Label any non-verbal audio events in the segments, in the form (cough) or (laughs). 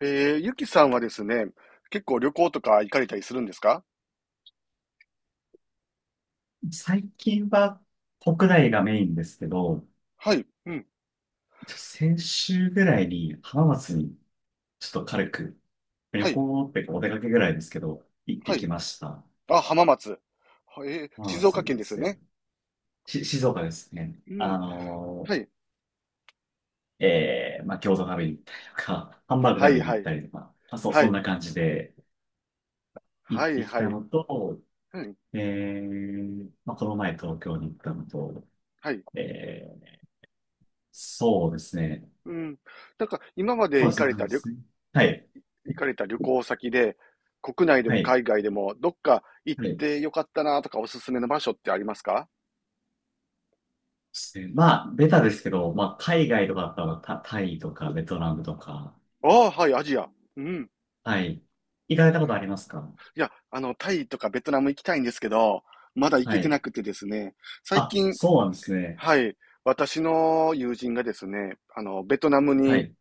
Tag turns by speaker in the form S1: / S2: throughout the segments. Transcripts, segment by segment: S1: ゆきさんはですね、結構旅行とか行かれたりするんですか？
S2: 最近は国内がメインですけど、
S1: はい、うん、
S2: 先週ぐらいに浜松にちょっと軽く
S1: は
S2: 旅
S1: い、
S2: 行っていうかお出かけぐらいですけど、行って
S1: はい。
S2: きました。
S1: あ、浜松。はえー、
S2: 浜
S1: 静
S2: 松
S1: 岡
S2: に
S1: 県
S2: で
S1: ですよ
S2: すね。
S1: ね。
S2: 静岡ですね。
S1: うん、はい、
S2: まあ、餃子食べに行ったりとか、ハンバーグ
S1: は
S2: 食
S1: い、
S2: べに行
S1: は
S2: っ
S1: い、
S2: たりとか、まあ、そう、
S1: は
S2: そん
S1: い、
S2: な感じで行っ
S1: はい、
S2: てき
S1: は
S2: た
S1: い、
S2: のと、
S1: うん、
S2: まあ、この前東京に行ったのと、
S1: はい、
S2: えー、そうですね。
S1: うん。なんか、今ま
S2: そ
S1: で
S2: うで
S1: 行
S2: す、
S1: か
S2: そ
S1: れ
S2: う
S1: た
S2: で
S1: 旅、
S2: すね。はい、
S1: 行かれた旅行先で、国内で
S2: は
S1: も
S2: い、
S1: 海外でも、どっか行っ
S2: はい。
S1: てよかったなとか、おすすめの場所ってありますか？
S2: ですねまあ、ベタですけど、まあ、海外とかだったら、タイとか、ベトナムとか、
S1: ああ、はい、アジア。うん。
S2: はい。行かれたことありますか？
S1: いや、タイとかベトナム行きたいんですけど、まだ行
S2: は
S1: けて
S2: い。
S1: なくてですね、最
S2: あ、
S1: 近、
S2: そうなんですね。
S1: はい。私の友人がですね、ベトナム
S2: は
S1: に、
S2: い。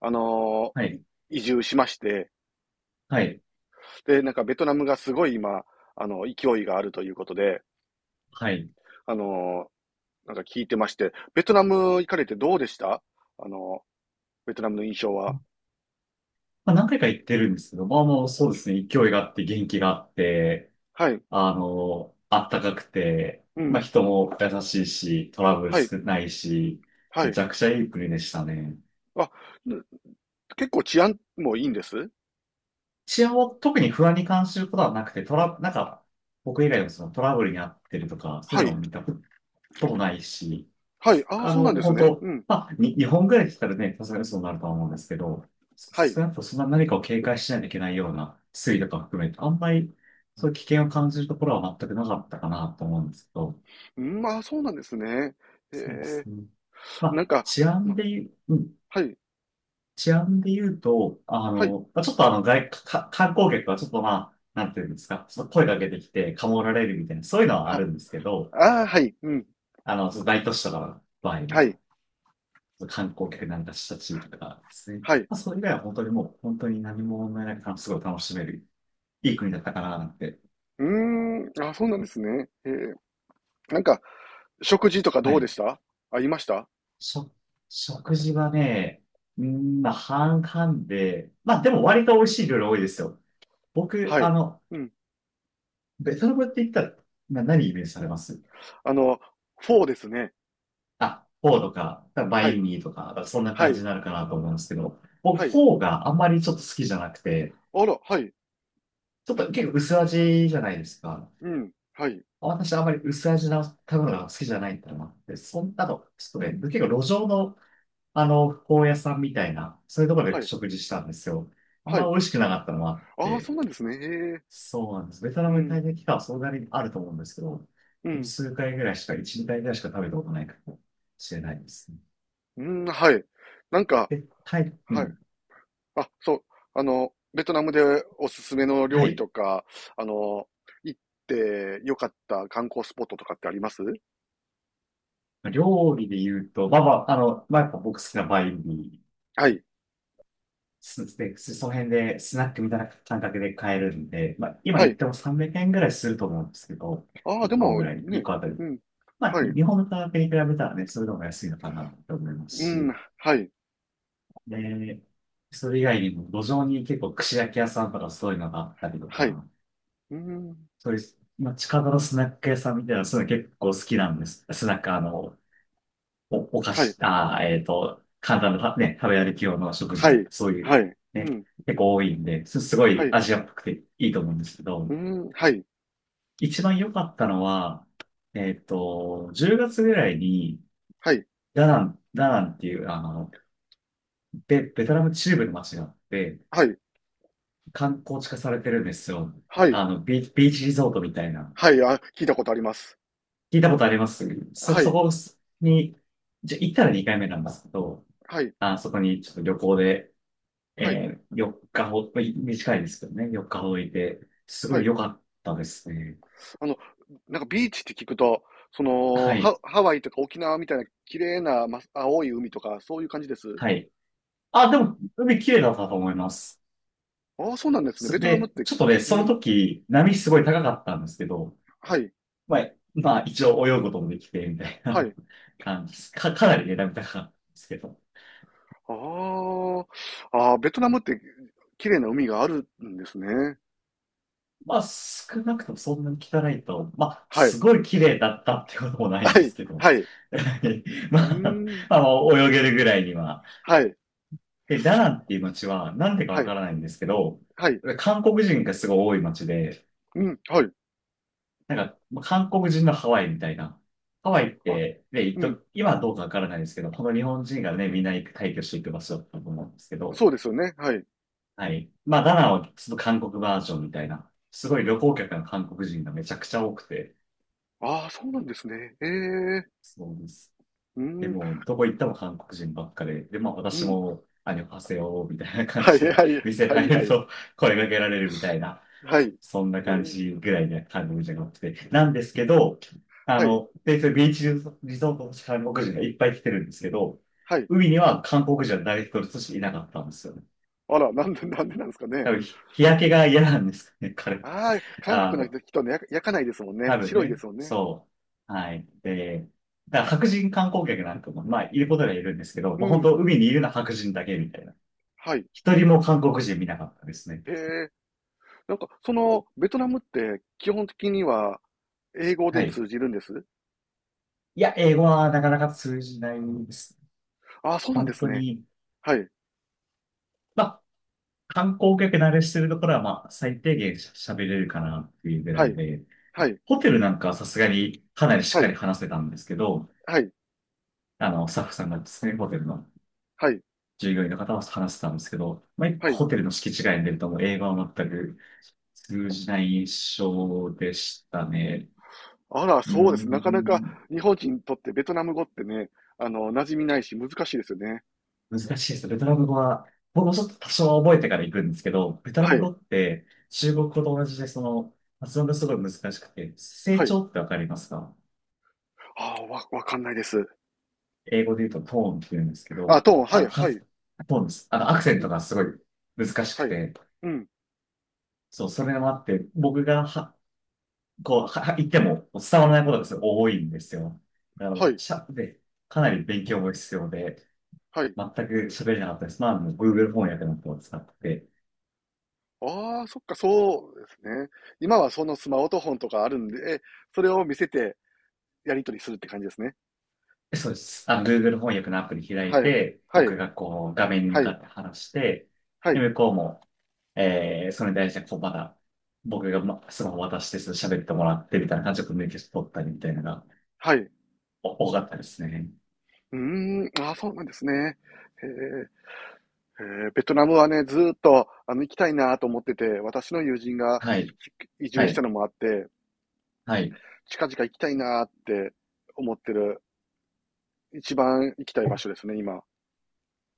S1: あの、
S2: は
S1: い
S2: い。
S1: 移住しまして、
S2: はい。
S1: で、なんかベトナムがすごい今、勢いがあるということで、
S2: はい。
S1: あの、なんか聞いてまして、ベトナム行かれてどうでした？あの、ベトナムの印象は。
S2: まあ、何回か行ってるんですけど、まあもうそうですね、勢いがあって、元気があって、
S1: はい。
S2: あったかくて、
S1: う
S2: まあ
S1: ん。
S2: 人も優しいし、トラブル
S1: はい。
S2: 少ないし、
S1: は
S2: めち
S1: い。
S2: ゃくちゃいい国でしたね。
S1: あ、結構治安もいいんです？
S2: 一応、特に不安に感じることはなくて、なんか、僕以外のそのトラブルに遭ってるとか、そう
S1: は
S2: いうの
S1: い。
S2: を見たこともないし、
S1: はい。ああ、そうなんです
S2: 本
S1: ね。う
S2: 当、
S1: ん。
S2: まあ、日本ぐらい来たらね、さすがにそうなるとは思うんですけど、
S1: はい。
S2: 少なくともそんな何かを警戒しないといけないような推移とか含めて、あんまりそういう危険を感じるところは全くなかったかなと思うんですけど、
S1: うん、ああ、そうなんですね。え
S2: そうで
S1: え、
S2: すね。ま
S1: なん
S2: あ、
S1: か、
S2: 治
S1: う
S2: 安
S1: ん、
S2: で言う、うん
S1: はい。
S2: 治安で言うと、
S1: はい。
S2: まあちょっとあの外、か、観光客はちょっとまあ、なんていうんですか、ちょっと声かけてきて、かもられるみたいな、そういうのはあ
S1: は
S2: るんですけど、
S1: ああ、はい、うん、
S2: その大都市とかの場合
S1: はい、
S2: は、観光客なんかした地域とかですね。
S1: はい。
S2: まあ、それ以外は本当にもう、本当に何も問題なく、すごい楽しめる、いい国だったかな、なんて。
S1: うーん、あ、そうなんですね。ええ、なんか、食事とかど
S2: は
S1: うで
S2: い。
S1: した？ありました？
S2: しょ、食事はね、まあ、半々で、まあ、でも割と美味しい料理多いですよ。僕、
S1: はい。うん。
S2: ベトナムって言ったら、何イメージされます
S1: あの、フォーですね。
S2: あ、フォーとか、バ
S1: は
S2: イ
S1: い、
S2: ンミーとか、だからそんな
S1: は
S2: 感じ
S1: い、
S2: になるかなと思うんですけど、僕
S1: は
S2: フ
S1: い。
S2: ォーがあんまりちょっと好きじゃなくて、
S1: あら、はい、
S2: ちょっと結構薄味じゃないですか。
S1: うん、はい、
S2: 私あんまり薄味な食べ物が好きじゃないってのもあって、そんなの、ちょっとね、結構路上の、フォー屋さんみたいな、そういうところ
S1: は
S2: で
S1: い、
S2: 食事したんですよ。あん
S1: は
S2: ま
S1: い。
S2: 美味しくなかったのもあっ
S1: ああ、そ
S2: て、
S1: うなんですね。へえ、
S2: そうなんです。ベトナ
S1: う
S2: ムに
S1: ん、
S2: 滞在期間はそんなにあると思うんですけど、
S1: うん、
S2: 数回ぐらいしか、1、2回ぐらいしか食べたことないかもしれないですね。
S1: うん、はい。なんか、
S2: で、タイ、う
S1: はい。
S2: ん、
S1: あ、そう、ベトナムでおすすめの
S2: は
S1: 料理
S2: い。
S1: とか、あの、行ってよかった観光スポットとかってあります？
S2: 料理で言うと、まあまあ、まあやっぱ僕好きなバインミー、
S1: はい、
S2: その辺でスナックみたいな感覚で買えるんで、まあ今
S1: は
S2: 言っ
S1: い。
S2: ても300円ぐらいすると思うんですけど、
S1: ああ、で
S2: 1個
S1: も、
S2: ぐらい、1
S1: ね、
S2: 個あたり。
S1: うん、
S2: まあ
S1: はい、
S2: 日本の価格に比べたらね、それでも安いのかなって思います
S1: うん、
S2: し、
S1: はい、
S2: で、それ以外にも路上に結構串焼き屋さんとかそういうのがあったりと
S1: はい、
S2: か、
S1: うん、
S2: そういう、まあ近場のスナック屋さんみたいな、そういうの結構好きなんです。スナック、お菓
S1: はい、
S2: 子、簡単なね、食べ歩き用の食事
S1: は
S2: なん
S1: い、
S2: か、そういう、
S1: はい、う
S2: ね、
S1: ん、
S2: 結構多いんで、すご
S1: は
S2: い
S1: い、
S2: アジアっぽくていいと思うんですけ
S1: う
S2: ど、
S1: ん、はい、
S2: 一番良かったのは、10月ぐらいに、
S1: はい、
S2: ダナンっていう、ベトナム中部の街があって、
S1: はい、
S2: 観光地化されてるんですよ。
S1: はい、
S2: ビーチリゾートみたいな。
S1: はい、あ、聞いたことあります。
S2: 聞いたことあります
S1: は
S2: そ
S1: い、
S2: こに、じゃ、行ったら2回目なんですけど、
S1: はい、
S2: あ、そこにちょっと旅行で、
S1: はい、
S2: 4日まあ短いですけどね、4日ほどいて、す
S1: は
S2: ごい
S1: い。
S2: 良かったですね。
S1: あの、なんかビーチって聞くと、
S2: はい、
S1: ハワイとか沖縄みたいな綺麗な、ま、青い海とか、そういう感じです？
S2: はい。あ、でも、海綺麗だったと思います。
S1: ああ、そうなんですね。ベトナムって、
S2: ちょっとね、
S1: う
S2: その
S1: ん、
S2: 時、波すごい高かったんですけど、
S1: はい、
S2: まあ、まあ、一応泳ぐこともできて、みたい
S1: は
S2: な
S1: い。
S2: (laughs) 感じです。かなりね、波高かったんですけど。
S1: ああ、ああ、ベトナムって綺麗な海があるんですね。
S2: まあ、少なくともそんなに汚いと、まあ、
S1: はい、
S2: すごい綺麗だったってこともないん
S1: は
S2: で
S1: い、
S2: すけど、
S1: はい。う
S2: (laughs) ま
S1: ー
S2: あ、
S1: ん。
S2: まあ、泳げるぐらいには、
S1: はい、
S2: で、ダナンっていう街は、なんでか
S1: は
S2: わ
S1: い、
S2: からないんですけど、
S1: はい。
S2: 韓国人がすごい多い街で、
S1: うん、はい。
S2: なんか、まあ韓国人のハワイみたいな。ハワイっ
S1: あ、
S2: て、ね、一
S1: うん。
S2: 時今はどうかわからないですけど、この日本人がね、みんな行く退去していく場所だったと思うんですけど、
S1: そうですよね。はい。
S2: はい。まあ、ダナンはちょっと韓国バージョンみたいな、すごい旅行客の韓国人がめちゃくちゃ多くて、
S1: ああ、そうなんですね。ええ。
S2: そうです。
S1: うー
S2: で
S1: ん、
S2: も、どこ行っても韓国人ばっかで、で、まあ
S1: う
S2: 私
S1: ん。
S2: も、ハセヨみたいな感
S1: はい、
S2: じで、
S1: は
S2: (laughs)
S1: い、
S2: 店
S1: はい、
S2: 入る
S1: はい。
S2: と声かけられるみたいな、
S1: はい。
S2: そんな
S1: え
S2: 感
S1: え。
S2: じぐらいな韓国人が多くて。なんですけど、
S1: はい、
S2: で、それビーチリゾートの韓国人がいっぱい来てるんですけど、
S1: はい。
S2: 海には韓国人は誰一人としていなかったんですよね。
S1: あら、なんでなんですか
S2: 多
S1: ね。
S2: 分、日焼けが嫌なんですかね、彼は。
S1: ああ、韓
S2: あ
S1: 国
S2: の、
S1: の人ね、焼かないですもんね。
S2: 多分
S1: 白いで
S2: ね。
S1: すもんね。
S2: そう。はい。で、だから白人観光客なんかも、まあ、いることにはいるんですけど、
S1: う
S2: もう本
S1: ん。
S2: 当、海にいるのは白人だけみたいな。
S1: はい。
S2: 一人も韓国人見なかったですね。
S1: へえ。なんか、ベトナムって基本的には英語
S2: は
S1: で
S2: い。
S1: 通じるんです？
S2: いや、英語はなかなか通じないです。
S1: ああ、そうなんで
S2: 本
S1: す
S2: 当
S1: ね。
S2: に、
S1: はい。
S2: まあ、観光客慣れしてるところは、まあ、最低限喋れるかなっていうぐら
S1: は
S2: い
S1: い。
S2: で、
S1: はい。
S2: ホテルなんかはさすがにかなりしっ
S1: は
S2: かり
S1: い。
S2: 話せたんですけど、
S1: はい、
S2: スタッフさんがですね、ホテルの
S1: はい、
S2: 従業員の方は話してたんですけど、まあ、
S1: はい。
S2: ホテルの敷地外に出るともう英語は全く通じない印象でしたね。
S1: あら、
S2: うー
S1: そうです。なかなか
S2: ん、
S1: 日本人にとってベトナム語ってね、馴染みないし難しいですよね。
S2: 難しいですね。ベトナム語は、僕もちょっと多少は覚えてから行くんですけど、ベトナ
S1: は
S2: ム
S1: い、
S2: 語って中国語と同じで、その、発音がすごい難しくて、成
S1: はい。
S2: 長ってわかりますか？
S1: ああ、わかんないです。
S2: 英語で言うとトーンって言うんですけ
S1: あ、
S2: ど、
S1: トーン、は
S2: あ
S1: い、
S2: の、
S1: は
S2: 発
S1: い。
S2: トーンです。アクセン
S1: う
S2: ト
S1: ん、
S2: がすごい難しく
S1: はい。
S2: て、
S1: うん、
S2: そう、それもあって、僕がこう、言っても伝わらないことがすごい多いんですよ。だか
S1: は
S2: ら、
S1: い、
S2: で、かなり勉強も必要で、
S1: はい。
S2: 全く喋れなかったです。まあ、もう Google 翻訳のアプリを使って、
S1: ああ、そっか、そうですね。今はそのスマートフォンとかあるんで、それを見せてやり取りするって感じですね。
S2: そうです。Google 翻訳のアプリ開
S1: は
S2: い
S1: い。
S2: て、
S1: はい。
S2: 僕がこう、画面に向
S1: は
S2: か
S1: い。
S2: って話して、
S1: は
S2: で、
S1: い。
S2: 向こうも、それに対して、こう、まだ、僕が、スマホ渡して、ちょっと喋ってもらって、みたいな感じでコミュニケーション取ったり、みたいなのが、
S1: はい。う
S2: 多かったですね。
S1: ーん。ああ、そうなんですね。へえ。ベトナムはね、ずーっと、行きたいなと思ってて、私の友人が
S2: はい、
S1: 移
S2: は
S1: 住した
S2: い、
S1: のもあって、
S2: はい。
S1: 近々行きたいなって思ってる、一番行きたい場所ですね、今。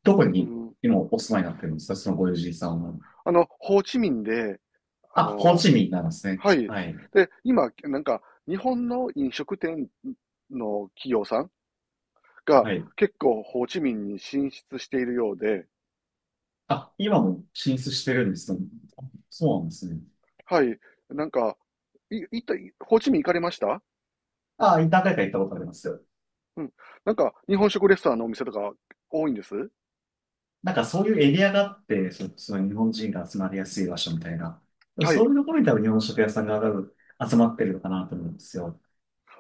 S2: どこ
S1: う
S2: に、
S1: ん。
S2: 今、お住まいになってるんですか？そのご友人さんは。
S1: ホーチミンで、あ
S2: あ、ホー
S1: の、
S2: チミンなんですね。
S1: はい。
S2: はい、
S1: で、今、なんか、日本の飲食店の企業さんが
S2: はい。
S1: 結構ホーチミンに進出しているようで、
S2: あ、今も進出してるんですね。そうなんですね。
S1: はい。なんか、い、いった、ホーチミン行かれました？
S2: ああ、何回か行ったことありますよ。
S1: うん。なんか、日本食レストランのお店とか多いんです？
S2: なんかそういうエリアがあって、その日本人が集まりやすい場所みたいな。
S1: は
S2: そ
S1: い。
S2: ういうところに多分日本食屋さんが集まってるのかなと思うんですよ。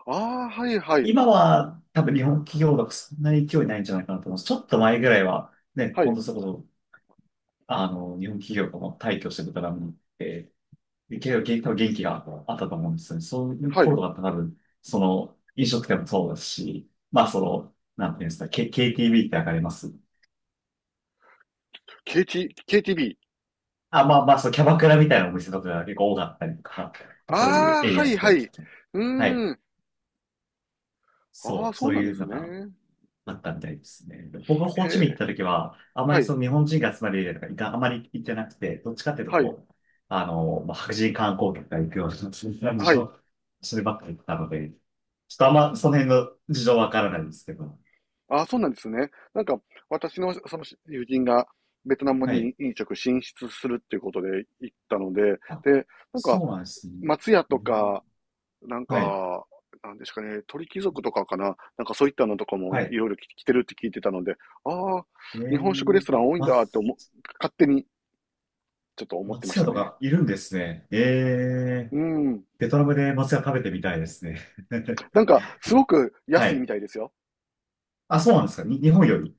S1: ああ、はいはい。
S2: 今は多分日本企業がそんなに勢いないんじゃないかなと思います。ちょっと前ぐらいはね、
S1: は
S2: ほ
S1: い。
S2: んとそこそ、日本企業がもう退去してベトナムに行って、結構多分元気があったと思うんですよね。そういう
S1: はい。
S2: 頃とかって多分、その飲食店もそうですし、まあその、なんていうんですか、KTV ってわかります
S1: KTB。
S2: あ、まあまあ、そう、キャバクラみたいなお店とかが結構多かったりとか、
S1: あ
S2: そういう
S1: あ、
S2: エリ
S1: は
S2: アっ
S1: いは
S2: て、
S1: い。う
S2: はい。
S1: ーん。あ
S2: そ
S1: あ、
S2: う、
S1: そう
S2: そう
S1: なんで
S2: いう
S1: す
S2: のが
S1: ね。
S2: あったみたいですね。僕がホ
S1: へ
S2: ーチミン行っ
S1: え。
S2: た時は、あま
S1: は
S2: り
S1: い。
S2: その日本人が集まるエリアとかあまり行ってなくて、どっちかっていうと
S1: はい。
S2: こう、まあ、白人観光客が行くような、そういう感じ
S1: はい。
S2: の、そればっかり行ったので、ちょっとあんまその辺の事情わからないんですけど。
S1: ああ、そうなんですね。なんか、私のその友人がベトナム
S2: はい。
S1: に飲食進出するっていうことで行ったので、
S2: あ、
S1: で、なんか、
S2: そうなんですね。
S1: 松屋
S2: え
S1: と
S2: ー
S1: か、なん
S2: はい。
S1: か、なんですかね、鳥貴族とかかな、なんかそういったのとかも
S2: は
S1: い
S2: い。
S1: ろいろ来てるって聞いてたので、ああ、日本食レストラン
S2: あ、
S1: 多いん
S2: まあ
S1: だって思う、勝手にちょっと思ってま
S2: 松
S1: し
S2: 屋
S1: た
S2: と
S1: ね。
S2: かいるんですね。ええ、
S1: うん。
S2: ベトナムで松屋食べてみたいですね。(laughs)
S1: なんか、すごく
S2: は
S1: 安いみ
S2: い。
S1: たいですよ。
S2: あ、そうなんですか。日本より。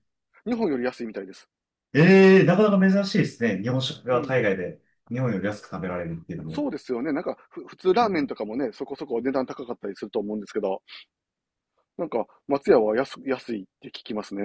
S1: 日本より安いみたいです。
S2: ええ、なかなか珍しいですね。日本食
S1: う
S2: が
S1: ん。
S2: 海外で日本より安く食べられるっていうの
S1: そ
S2: も。
S1: うですよね。なんか、普通ラーメンとかもね、そこそこ値段高かったりすると思うんですけど、なんか、松屋は安いって聞きますね。